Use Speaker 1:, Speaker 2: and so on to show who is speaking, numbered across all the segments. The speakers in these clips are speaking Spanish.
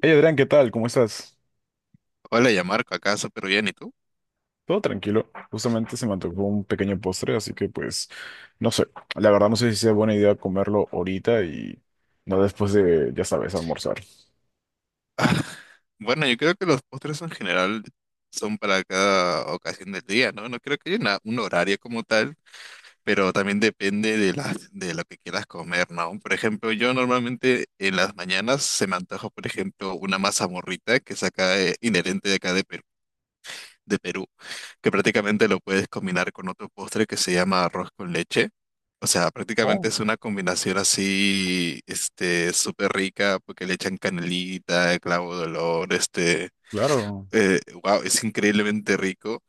Speaker 1: Hey Adrián, ¿qué tal? ¿Cómo estás?
Speaker 2: Hola, ya Marco, acá súper bien, ¿y tú?
Speaker 1: Todo tranquilo. Justamente se me antojó un pequeño postre, así que pues no sé. La verdad no sé si sea buena idea comerlo ahorita y no después de, ya sabes, almorzar.
Speaker 2: Bueno, yo creo que los postres en general son para cada ocasión del día, ¿no? No creo que haya un horario como tal, pero también depende de de lo que quieras comer, ¿no? Por ejemplo, yo normalmente en las mañanas se me antoja, por ejemplo, una masa morrita que saca inherente de acá de Perú, que prácticamente lo puedes combinar con otro postre que se llama arroz con leche. O sea, prácticamente
Speaker 1: Oh,
Speaker 2: es una combinación así, súper rica, porque le echan canelita, clavo de olor,
Speaker 1: claro,
Speaker 2: wow, es increíblemente rico.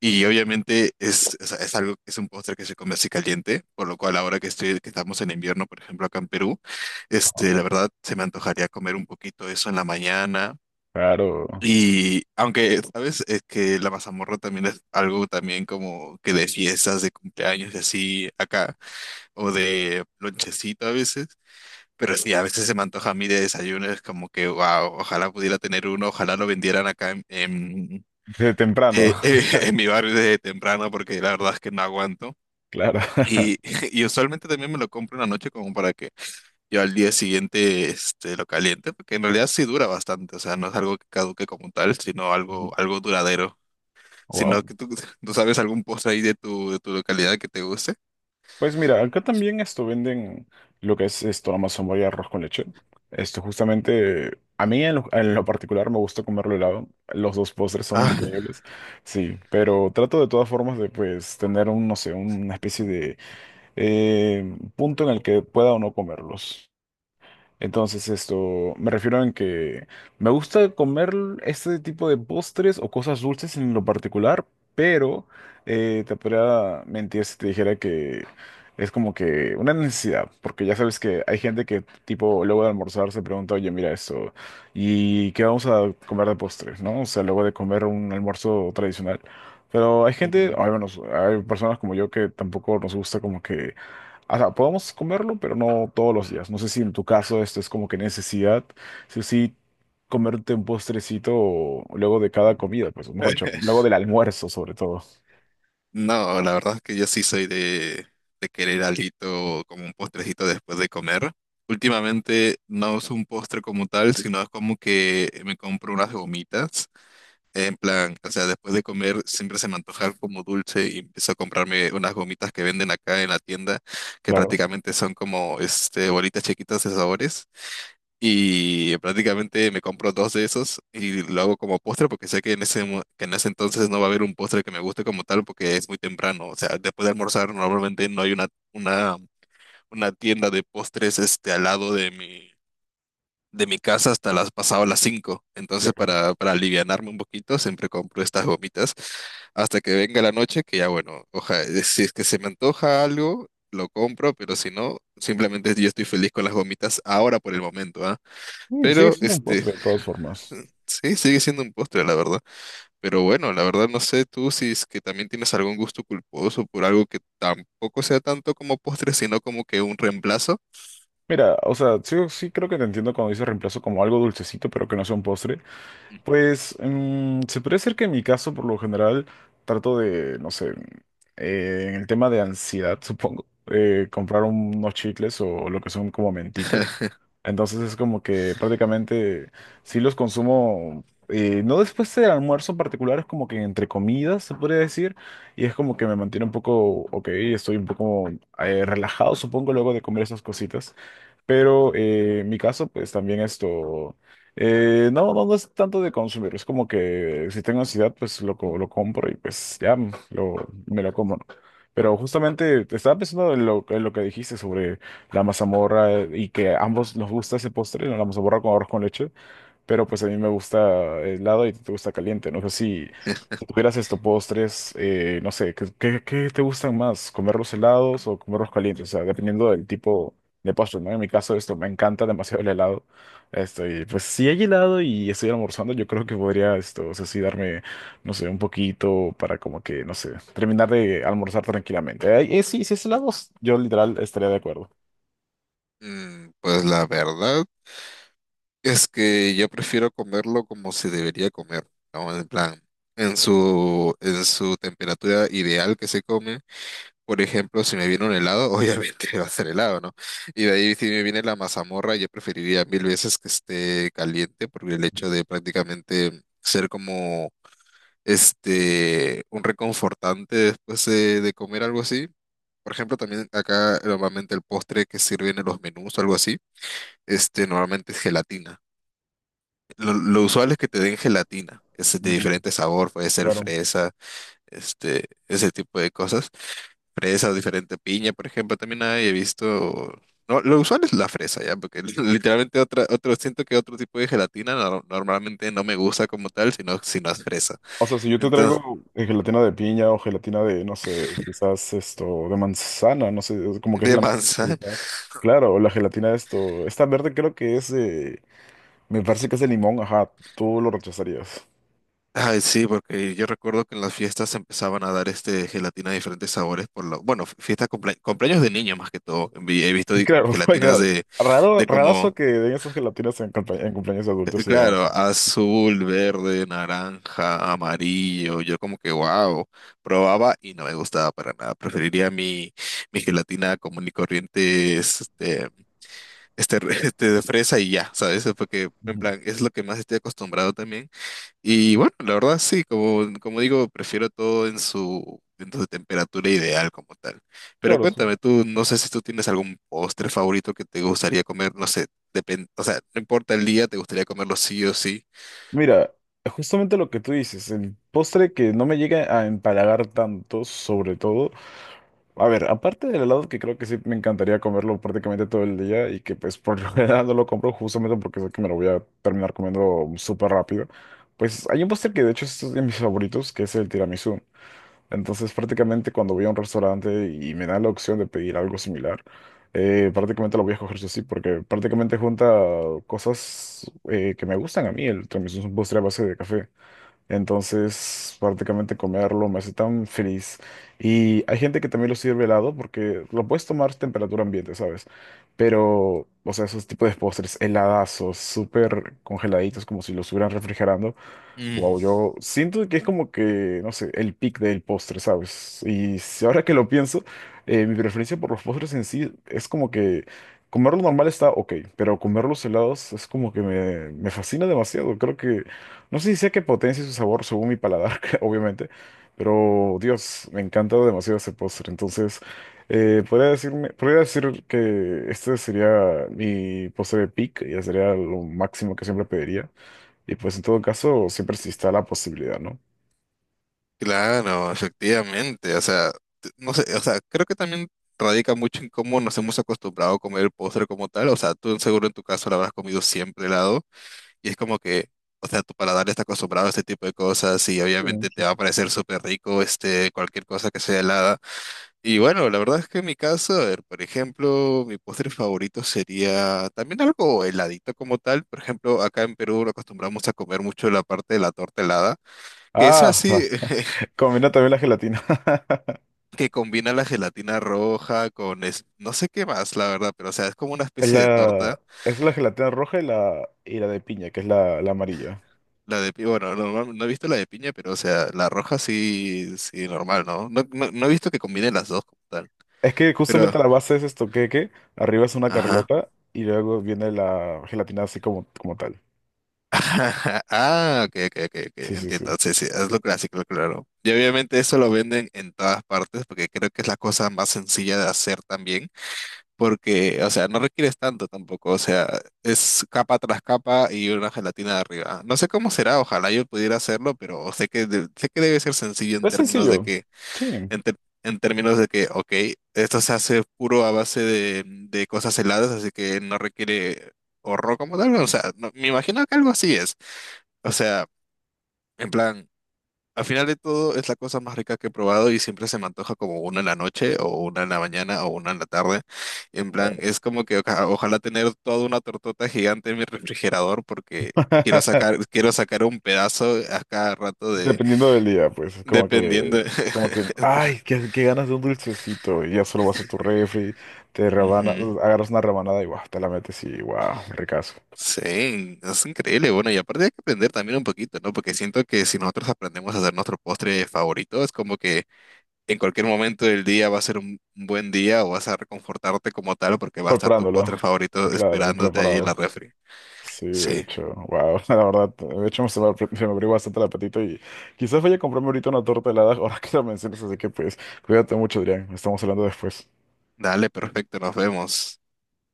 Speaker 2: Y obviamente es algo, es un postre que se come así caliente, por lo cual ahora que estamos en invierno, por ejemplo, acá en Perú, la verdad se me antojaría comer un poquito de eso en la mañana.
Speaker 1: claro.
Speaker 2: Y aunque, ¿sabes? Es que la mazamorra también es algo también como que de fiestas, de cumpleaños y así acá, o de lonchecito a veces. Pero sí, a veces se me antoja a mí de desayuno, es como que, wow, ojalá pudiera tener uno, ojalá lo vendieran acá
Speaker 1: Desde temprano,
Speaker 2: eh, eh, en mi barrio desde temprano, porque la verdad es que no aguanto.
Speaker 1: claro.
Speaker 2: Y, y usualmente también me lo compro una noche como para que yo al día siguiente lo caliente, porque en realidad sí dura bastante, o sea, no es algo que caduque como tal, sino algo duradero. Si no,
Speaker 1: Wow.
Speaker 2: tú sabes algún postre ahí de de tu localidad que te guste.
Speaker 1: Pues mira, acá también esto venden lo que es esto, la mazamorra y arroz con leche. Esto justamente, a mí en lo particular me gusta comerlo helado. Los dos postres son
Speaker 2: Ah.
Speaker 1: increíbles, sí, pero trato de todas formas de pues tener un, no sé, una especie de eh, punto en el que pueda o no comerlos. Entonces, esto, me refiero en que me gusta comer este tipo de postres o cosas dulces en lo particular, pero te podría mentir si te dijera que es como que una necesidad, porque ya sabes que hay gente que, tipo, luego de almorzar se pregunta, oye, mira esto, ¿y qué vamos a comer de postre? ¿No? O sea, luego de comer un almuerzo tradicional. Pero hay gente,
Speaker 2: Ujú.
Speaker 1: o al menos hay personas como yo que tampoco nos gusta como que o sea, podemos comerlo, pero no todos los días. No sé si en tu caso esto es como que necesidad, sí o sí, comerte un postrecito luego de cada comida, pues, o mejor dicho, luego del almuerzo, sobre todo.
Speaker 2: No, la verdad es que yo sí de querer algo como un postrecito después de comer. Últimamente no uso un postre como tal, sino es como que me compro unas gomitas. En plan, o sea, después de comer siempre se me antoja algo como dulce y empiezo a comprarme unas gomitas que venden acá en la tienda, que
Speaker 1: Claro.
Speaker 2: prácticamente son como este bolitas chiquitas de sabores. Y prácticamente me compro dos de esos y lo hago como postre porque sé que en ese entonces no va a haber un postre que me guste como tal porque es muy temprano. O sea, después de almorzar normalmente no hay una, una tienda de postres al lado de de mi casa hasta las pasado las 5. Entonces
Speaker 1: Ya.
Speaker 2: para alivianarme un poquito siempre compro estas gomitas hasta que venga la noche que ya bueno, si es que se me antoja algo, lo compro, pero si no, simplemente yo estoy feliz con las gomitas ahora por el momento, ¿ah?
Speaker 1: Sí, sigue
Speaker 2: Pero,
Speaker 1: siendo un postre de todas formas.
Speaker 2: sí, sigue siendo un postre, la verdad. Pero bueno, la verdad no sé tú si es que también tienes algún gusto culposo por algo que tampoco sea tanto como postre, sino como que un reemplazo.
Speaker 1: Mira, o sea, sí, creo que te entiendo cuando dices reemplazo como algo dulcecito, pero que no sea un postre.
Speaker 2: Ujú.
Speaker 1: Pues se puede ser que en mi caso, por lo general, trato de, no sé, en el tema de ansiedad, supongo, comprar unos chicles o lo que son como mentitas. Entonces es como que prácticamente sí los consumo, no después del almuerzo en particular, es como que entre comidas se podría decir, y es como que me mantiene un poco, ok, estoy un poco relajado, supongo, luego de comer esas cositas. Pero en mi caso, pues también esto, no es tanto de consumir, es como que si tengo ansiedad, pues lo, lo compro y pues ya lo, me lo como. ¿No? Pero justamente te estaba pensando en lo que dijiste sobre la mazamorra y que a ambos nos gusta ese postre, ¿no? La mazamorra con arroz con leche. Pero pues a mí me gusta helado y te gusta caliente. No sé si, si tuvieras estos postres, no sé, ¿qué, qué te gustan más? ¿Comerlos helados o comerlos calientes? O sea, dependiendo del tipo de postre, ¿no? En mi caso, esto me encanta demasiado el helado. Esto, y pues si hay helado y estoy almorzando, yo creo que podría esto, o sea, sí darme, no sé, un poquito para como que, no sé, terminar de almorzar tranquilamente. Sí, si es helados, yo literal estaría de acuerdo.
Speaker 2: Pues la verdad es que yo prefiero comerlo como se debería comer, ¿no? En plan, en en su temperatura ideal que se come. Por ejemplo, si me viene un helado, obviamente va a ser helado, ¿no? Y de ahí si me viene la mazamorra, yo preferiría mil veces que esté caliente, porque el hecho de prácticamente ser como este un reconfortante después de comer algo así. Por ejemplo, también acá normalmente el postre que sirven en los menús o algo así, este normalmente es gelatina. Lo usual es que te den gelatina, es de
Speaker 1: Ujú.
Speaker 2: diferente sabor, puede ser
Speaker 1: Claro.
Speaker 2: fresa, ese tipo de cosas. Fresa diferente piña, por ejemplo, también hay, he visto. No, lo usual es la fresa, ya, porque literalmente siento que otro tipo de gelatina normalmente no me gusta como tal, sino es fresa.
Speaker 1: O sea, si yo te
Speaker 2: Entonces,
Speaker 1: traigo gelatina de piña o gelatina de, no sé, quizás esto, de manzana, no sé, es como que es
Speaker 2: de
Speaker 1: la mezcla
Speaker 2: manzana.
Speaker 1: favorita. Claro, o la gelatina de esto, esta verde creo que es, me parece que es de limón, ajá, tú lo rechazarías.
Speaker 2: Ay, sí, porque yo recuerdo que en las fiestas empezaban a dar este gelatina de diferentes sabores por lo, bueno, fiestas cumpleaños de niños más que todo. He visto
Speaker 1: Claro,
Speaker 2: gelatinas
Speaker 1: oiga, raro,
Speaker 2: de
Speaker 1: rarazo
Speaker 2: como
Speaker 1: que den esas gelatinas en, en cumpleaños de adultos y demás.
Speaker 2: claro, azul, verde, naranja, amarillo. Yo como que, wow, probaba y no me gustaba para nada. Preferiría mi gelatina común y corriente, este de fresa y ya, ¿sabes? Porque en
Speaker 1: Ujú.
Speaker 2: plan es lo que más estoy acostumbrado también. Y bueno, la verdad sí, como digo, prefiero todo en en su temperatura ideal como tal. Pero
Speaker 1: Claro, sí.
Speaker 2: cuéntame tú, no sé si tú tienes algún postre favorito que te gustaría comer, no sé, depende, o sea, no importa el día, te gustaría comerlo sí o sí.
Speaker 1: Mira, justamente lo que tú dices, el postre que no me llega a empalagar tanto, sobre todo. A ver, aparte del helado que creo que sí me encantaría comerlo prácticamente todo el día y que pues por lo general no lo compro justamente porque sé que me lo voy a terminar comiendo súper rápido, pues hay un postre que de hecho es de mis favoritos que es el tiramisú. Entonces prácticamente cuando voy a un restaurante y me da la opción de pedir algo similar, prácticamente lo voy a coger yo sí porque prácticamente junta cosas que me gustan a mí. El tiramisú es un postre a base de café. Entonces, prácticamente comerlo me hace tan feliz. Y hay gente que también lo sirve helado porque lo puedes tomar a temperatura ambiente, ¿sabes? Pero, o sea, esos tipos de postres heladazos, súper congeladitos, como si los estuvieran refrigerando.
Speaker 2: Mm.
Speaker 1: Wow, yo siento que es como que, no sé, el pic del postre, ¿sabes? Y si ahora que lo pienso, mi preferencia por los postres en sí es como que comerlo normal está ok, pero comer los helados es como que me fascina demasiado. Creo que, no sé si sea que potencia su sabor según mi paladar, que obviamente, pero Dios, me encanta demasiado ese postre. Entonces, podría decirme, podría decir que este sería mi postre de pic, ya sería lo máximo que siempre pediría. Y pues en todo caso, siempre está la posibilidad, ¿no?
Speaker 2: Claro, efectivamente. O sea, no sé, o sea, creo que también radica mucho en cómo nos hemos acostumbrado a comer el postre como tal. O sea, tú seguro en tu caso lo habrás comido siempre helado y es como que, o sea, tu paladar está acostumbrado a este tipo de cosas y
Speaker 1: Sí,
Speaker 2: obviamente te va a
Speaker 1: sí.
Speaker 2: parecer súper rico este cualquier cosa que sea helada. Y bueno, la verdad es que en mi caso, a ver, por ejemplo, mi postre favorito sería también algo heladito como tal. Por ejemplo, acá en Perú lo acostumbramos a comer mucho la parte de la torta helada. Que es
Speaker 1: Ah, va.
Speaker 2: así,
Speaker 1: Combina también la gelatina.
Speaker 2: que combina la gelatina roja con no sé qué más, la verdad, pero o sea, es como una
Speaker 1: Es
Speaker 2: especie de
Speaker 1: la,
Speaker 2: torta.
Speaker 1: es la gelatina roja y la de piña, que es la, la amarilla.
Speaker 2: La de piña, bueno, no he visto la de piña, pero o sea, la roja sí, sí, normal, ¿no? No, no he visto que combine las dos como tal.
Speaker 1: Es que justamente
Speaker 2: Pero,
Speaker 1: la base es esto queque, arriba es una
Speaker 2: ajá.
Speaker 1: carlota y luego viene la gelatina así como, como tal.
Speaker 2: Ah, ok, ok, ok, ok,
Speaker 1: Sí.
Speaker 2: entiendo. Sí, sí, es lo clásico, claro. Y obviamente eso lo venden en todas partes porque creo que es la cosa más sencilla de hacer también. Porque, o sea, no requieres tanto tampoco, o sea, es capa tras capa y una gelatina de arriba. No sé cómo será, ojalá yo pudiera hacerlo, pero sé que, sé que debe ser sencillo en
Speaker 1: Es
Speaker 2: términos de
Speaker 1: sencillo.
Speaker 2: que,
Speaker 1: Sí.
Speaker 2: en, ter- en términos de que, ok, esto se hace puro a base de cosas heladas, así que no requiere horror como tal, o sea, me imagino que algo así es, o sea, en plan... Al final de todo, es la cosa más rica que he probado y siempre se me antoja como una en la noche o una en la mañana o una en la tarde. En plan, es como que ojalá tener toda una tortota gigante en mi refrigerador porque quiero sacar un pedazo a cada rato de,
Speaker 1: Dependiendo del día, pues, es
Speaker 2: dependiendo.
Speaker 1: como que, ay, qué, qué ganas de un dulcecito, y ya solo vas a tu refri, te rebana,
Speaker 2: Ujú.
Speaker 1: agarras una rebanada y guau, te la metes y guau, ricazo.
Speaker 2: Sí, es increíble. Bueno, y aparte hay que aprender también un poquito, ¿no? Porque siento que si nosotros aprendemos a hacer nuestro postre favorito, es como que en cualquier momento del día va a ser un buen día o vas a reconfortarte como tal porque va a estar tu
Speaker 1: Preparándolo,
Speaker 2: postre favorito
Speaker 1: claro,
Speaker 2: esperándote ahí en la
Speaker 1: preparado.
Speaker 2: refri.
Speaker 1: Sí, de
Speaker 2: Sí,
Speaker 1: hecho, wow, la verdad, de hecho se me, se me abrió bastante el apetito y quizás vaya a comprarme ahorita una torta helada ahora que la mencionas, así que pues, cuídate mucho, Adrián, estamos hablando después.
Speaker 2: dale, perfecto, nos vemos.